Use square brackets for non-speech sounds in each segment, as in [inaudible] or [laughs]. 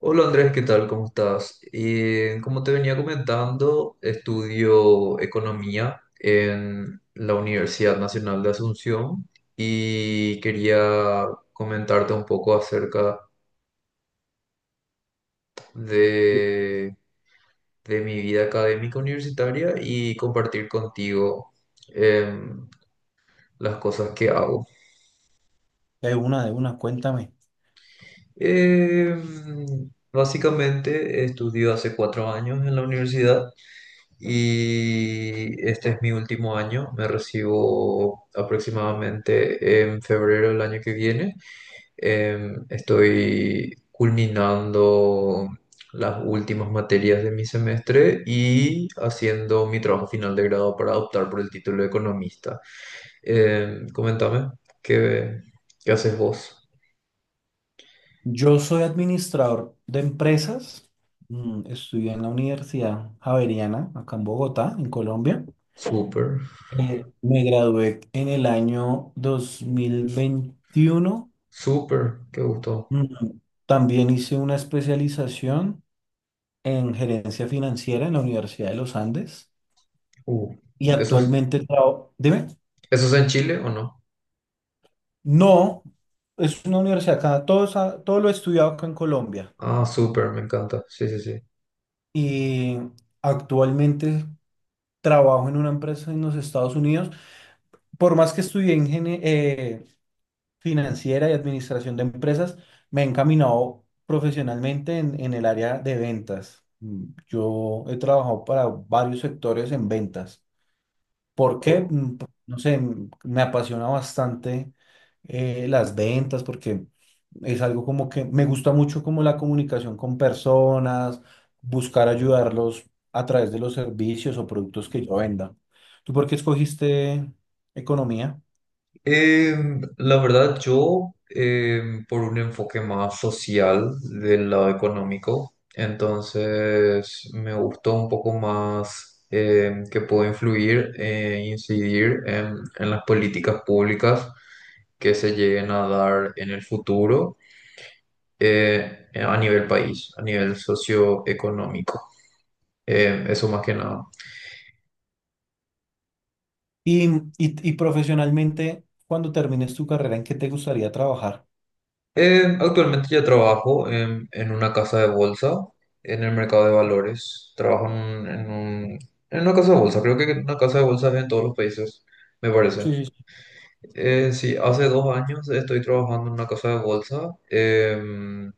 Hola Andrés, ¿qué tal? ¿Cómo estás? Como te venía comentando, estudio economía en la Universidad Nacional de Asunción y quería comentarte un poco acerca de, de mi vida académica universitaria y compartir contigo em, las cosas que hago. Cuéntame. Básicamente estudio hace 4 años en la universidad. Y este es mi último año, me recibo aproximadamente en febrero del año que viene. Estoy culminando las últimas materias de mi semestre y haciendo mi trabajo final de grado para optar por el título de economista. Comentame, ¿qué, ¿qué haces vos? Yo soy administrador de empresas. Estudié en la Universidad Javeriana, acá en Bogotá, en Colombia. Súper, Me gradué en el año 2021. súper, qué gusto. Mm, También hice una especialización en gerencia financiera en la Universidad de los Andes. Uh, Y ¿eso es, actualmente trabajo. Dime, eso es en Chile o no? no, es una universidad acá. Todo, es todo lo he estudiado acá en Colombia. Ah, súper, me encanta. Sí, sí, sí. Y actualmente trabajo en una empresa en los Estados Unidos. Por más que estudié financiera y administración de empresas, me he encaminado profesionalmente en el área de ventas. Yo he trabajado para varios sectores en ventas porque, Oh, no sé, me apasiona bastante las ventas porque es algo como que me gusta mucho como la comunicación con personas, buscar ayudarlos a través de los servicios o productos que yo venda. ¿Tú por qué escogiste economía? La verdad, yo por un enfoque más social del lado económico, entonces me gustó un poco más que puedo influir e incidir en las políticas públicas que se lleguen a dar en el futuro a nivel país, a nivel socioeconómico. Eso más que nada. Y profesionalmente, cuando termines tu carrera, ¿en qué te gustaría trabajar? Actualmente yo trabajo en una casa de bolsa, en el mercado de valores. Trabajo en, un- en un- En una casa de bolsa, creo que una casa de bolsa es en todos los países, me parece. Sí, sí, sí. Sí, hace 2 años estoy trabajando en una casa de bolsa,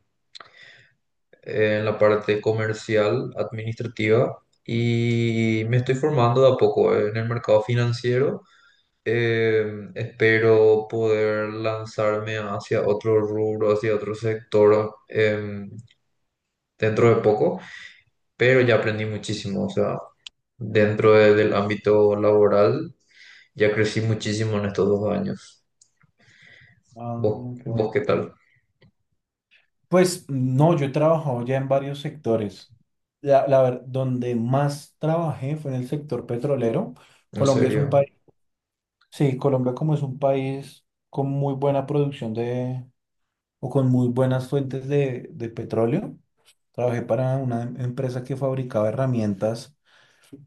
en la parte comercial, administrativa, y me estoy formando de a poco en el mercado financiero. Espero poder lanzarme hacia otro rubro, hacia otro sector. Dentro de poco, pero ya aprendí muchísimo, o sea, del ámbito laboral ya crecí muchísimo en estos 2 años. ¿Vos, Ah, qué vos bueno. qué tal? Pues no, yo he trabajado ya en varios sectores. Donde más trabajé fue en el sector petrolero. ¿En Colombia es un serio? país, sí, Colombia como es un país con muy buena producción de, o con muy buenas fuentes de petróleo. Trabajé para una empresa que fabricaba herramientas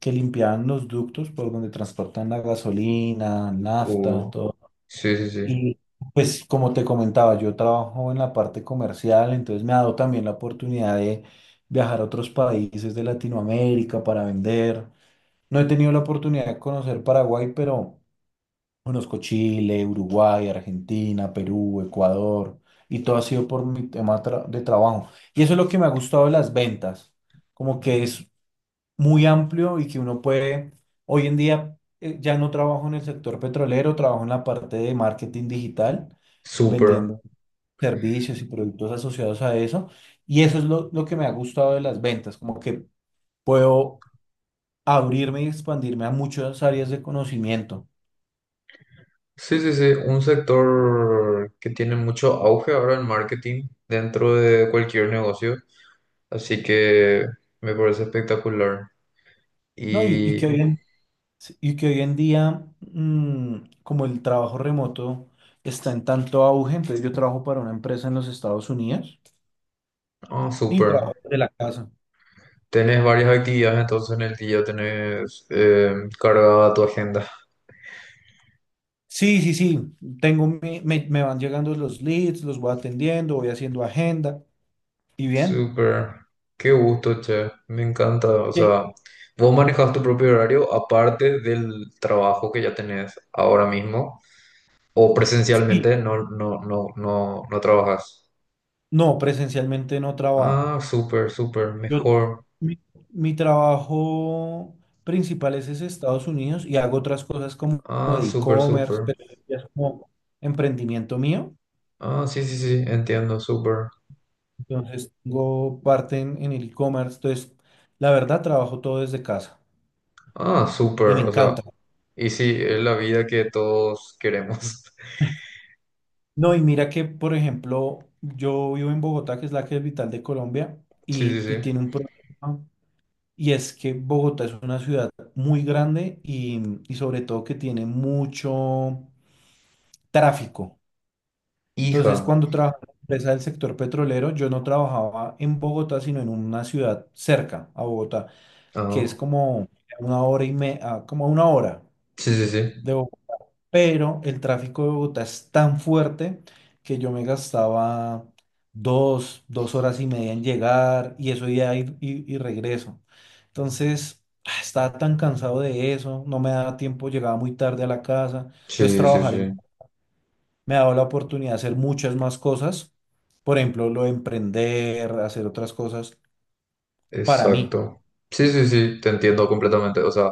que limpiaban los ductos por donde transportan la gasolina, nafta, Uh, todo. sí, sí, sí. Y pues como te comentaba, yo trabajo en la parte comercial, entonces me ha dado también la oportunidad de viajar a otros países de Latinoamérica para vender. No he tenido la oportunidad de conocer Paraguay, pero conozco Chile, Uruguay, Argentina, Perú, Ecuador, y todo ha sido por mi tema de trabajo. Y eso es lo que me ha gustado de las ventas, como que es muy amplio y que uno puede, hoy en día ya no trabajo en el sector petrolero, trabajo en la parte de marketing digital, Súper. vendiendo servicios y productos asociados a eso. Y eso es lo que me ha gustado de las ventas, como que puedo abrirme y expandirme a muchas áreas de conocimiento, Sí, sí, sí. Un sector que tiene mucho auge ahora en marketing dentro de cualquier negocio. Así que me parece espectacular. ¿no? Y, Sí, y que hoy en día, como el trabajo remoto está en tanto auge, entonces yo trabajo para una empresa en los Estados Unidos ah, y súper. trabajo de la casa. Tenés varias actividades entonces en el día, tenés cargada tu agenda. Sí, sí, sí. Me, me van llegando los leads, los voy atendiendo, voy haciendo agenda. ¿Y bien? Súper, qué gusto, che, me encanta. O sea, ¿Qué? vos manejas tu propio horario aparte del trabajo que ya tenés ahora mismo, o Sí. presencialmente no trabajas. No, presencialmente no Ah, trabajo. súper, súper, Yo, mejor. mi, mi trabajo principal es Estados Unidos y hago otras cosas como, como Ah, de súper, e-commerce, súper. pero eso ya es como emprendimiento mío. Ah, sí, sí, sí, entiendo, súper. Entonces, tengo parte en el e-commerce. Entonces, la verdad, trabajo todo desde casa Ah, súper, y me o sea, encanta. y sí, es la vida que todos queremos. [laughs] No, y mira que, por ejemplo, yo vivo en Bogotá, que es la capital de Colombia, Sí, sí, sí. y tiene un problema, y es que Bogotá es una ciudad muy grande y sobre todo que tiene mucho tráfico. Entonces, Hija. cuando trabajaba en la empresa del sector petrolero, yo no trabajaba en Bogotá, sino en una ciudad cerca a Bogotá, que es Ah, como una hora y como a una hora sí, sí, sí. de Bogotá, pero el tráfico de Bogotá es tan fuerte que yo me gastaba dos horas y media en llegar y eso ya ir y regreso. Entonces, ah, estaba tan cansado de eso, no me daba tiempo, llegaba muy tarde a la casa. Sí, sí, sí. Me ha dado la oportunidad de hacer muchas más cosas, por ejemplo, lo de emprender, hacer otras cosas para mí. Exacto. Sí, sí, sí, te entiendo completamente. O sea,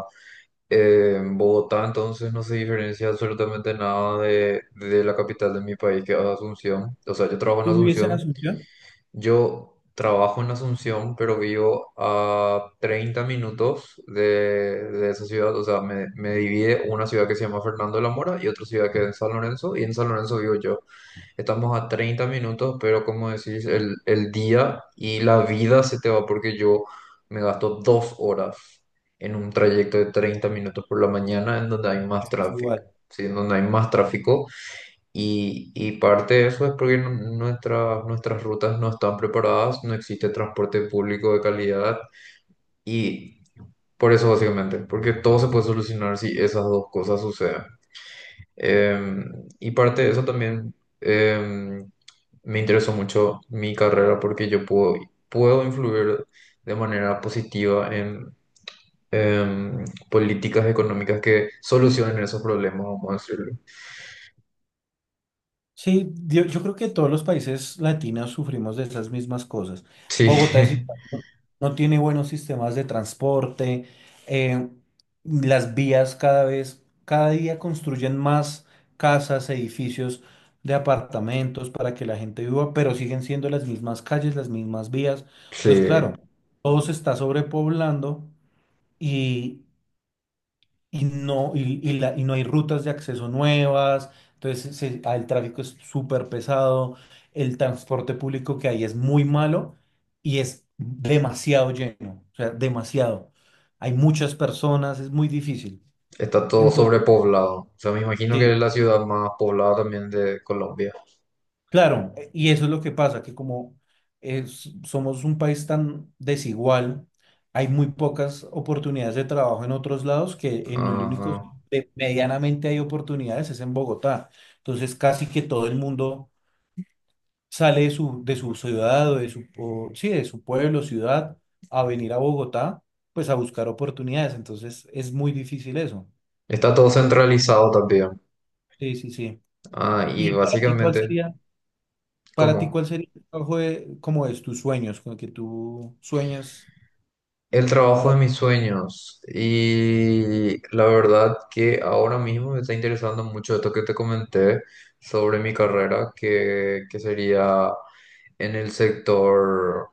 en Bogotá entonces no se diferencia absolutamente nada de la capital de mi país, que es Asunción. O sea, yo trabajo en ¿Tú vives en Asunción. Asunción? Yo trabajo en Asunción, pero vivo a 30 minutos de esa ciudad. O sea, me divide una ciudad que se llama Fernando de la Mora y otra ciudad que es en San Lorenzo. Y en San Lorenzo vivo yo. Estamos a 30 minutos, pero como decís, el día y la vida se te va porque yo me gasto 2 horas en un trayecto de 30 minutos por la mañana en donde hay más Así es tráfico, igual. ¿sí? En donde hay más tráfico. Y parte de eso es porque nuestras rutas no están preparadas, no existe transporte público de calidad y por eso básicamente, porque todo se puede solucionar si esas dos cosas suceden. Y parte de eso también em, me interesó mucho mi carrera porque yo puedo influir de manera positiva en em, políticas económicas que solucionen esos problemas, vamos a decirlo. Sí, yo creo que todos los países latinos sufrimos de esas mismas cosas. Sí, Bogotá es igual, no tiene buenos sistemas de transporte, eh, las vías cada vez, cada día construyen más casas, edificios de apartamentos para que la gente viva, pero siguen siendo las mismas calles, las mismas vías. [laughs] sí, Entonces, claro, todo se está sobrepoblando y no, y la- y no hay rutas de acceso nuevas, el tráfico es súper pesado, el transporte público que hay es muy malo y es demasiado lleno, o sea, demasiado. Hay muchas personas, es muy difícil. está todo Entonces, sobrepoblado. O sea, me imagino que sí. es la ciudad más poblada también de Colombia. Claro, y eso es lo que pasa, que somos un país tan desigual, hay muy pocas oportunidades de trabajo en otros lados, que en el Ajá. único sitio que medianamente hay oportunidades es en Bogotá. Entonces casi que todo el mundo sale de de su ciudad o de sí, de su pueblo, ciudad, a venir a Bogotá, pues a buscar oportunidades. Entonces es muy difícil eso. Está todo centralizado también. Sí, sí, sí. Ah, y ¿Y para ti cuál básicamente, sería? Para ti, ¿cuál ¿cómo? sería el trabajo de, como es tus sueños, con el que tú sueñas El trabajo de para... mis sueños. Y la verdad que ahora mismo me está interesando mucho esto que te comenté sobre mi carrera, que sería en el sector,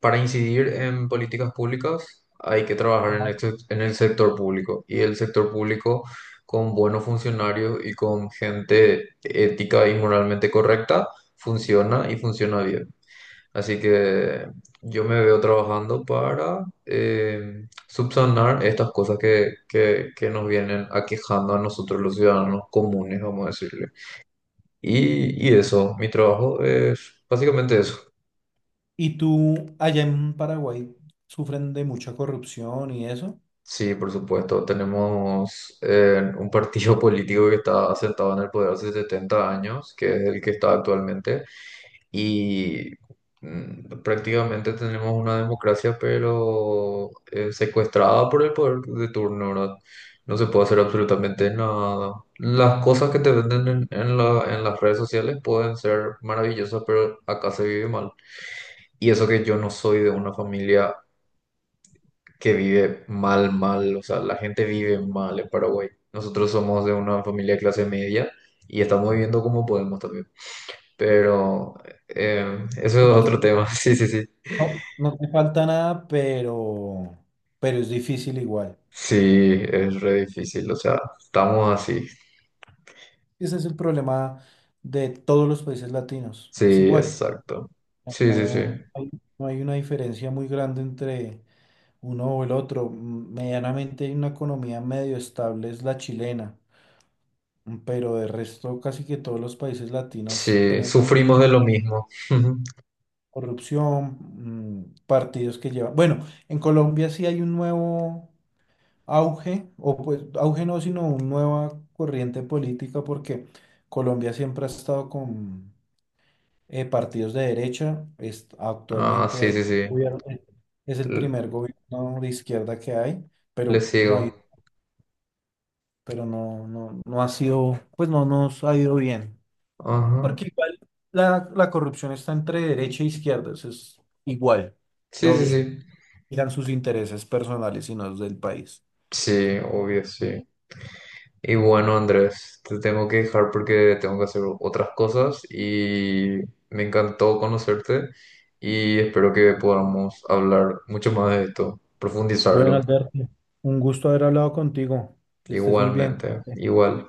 para incidir en políticas públicas, hay que trabajar en en el sector público. Y el sector público con buenos funcionarios y con gente ética y moralmente correcta funciona y funciona bien. Así que yo me veo trabajando para subsanar estas cosas que nos vienen aquejando a nosotros los ciudadanos comunes, vamos a decirle. Y eso, mi trabajo es básicamente eso. Y tú allá en Paraguay sufren de mucha corrupción y eso. Sí, por supuesto. Tenemos un partido [laughs] político que está sentado en el poder hace 70 años, que es el que está actualmente, y prácticamente tenemos una democracia, pero secuestrada por el poder de turno, ¿verdad? No se puede hacer absolutamente nada. Las cosas que te venden en las redes sociales pueden ser maravillosas, pero acá se vive mal. Y eso que yo no soy de una familia que vive mal, mal, o sea, la gente vive mal en Paraguay. Nosotros somos de una familia de clase media y estamos viviendo como podemos también. Pero eso es No, otro tema, [laughs] sí, sí, sí. No te falta nada, pero es difícil igual. Sí, es re difícil, o sea, estamos así. Ese es el problema de todos los países latinos. Es Sí, igual. exacto. Sí, sí, sí. No hay, no hay una diferencia muy grande entre uno o el otro. Medianamente hay una economía medio estable, es la chilena, pero de resto casi que todos los países latinos Sí, tenemos sufrimos de lo mismo. [laughs] corrupción, partidos que llevan... Bueno, en Colombia sí hay un nuevo auge, o pues auge no, sino una nueva corriente política porque Colombia siempre ha estado con partidos de derecha, Ah, actualmente sí, hay sí, un sí. gobierno, es el primer L- gobierno de izquierda que hay, Le pero no sigo. hay, pero no ha sido, pues no nos ha ido bien. Ajá. Porque igual la corrupción está entre derecha e izquierda, eso es igual. Sí, sí, Todos sí. miran sus intereses personales y no los del país. Sí, obvio, sí. Y bueno, Andrés, te tengo que dejar porque tengo que hacer otras cosas y me encantó conocerte y espero que podamos hablar mucho más de esto, Bueno, profundizarlo. Alberto, un gusto haber hablado contigo. Que estés muy bien. Igualmente, igual.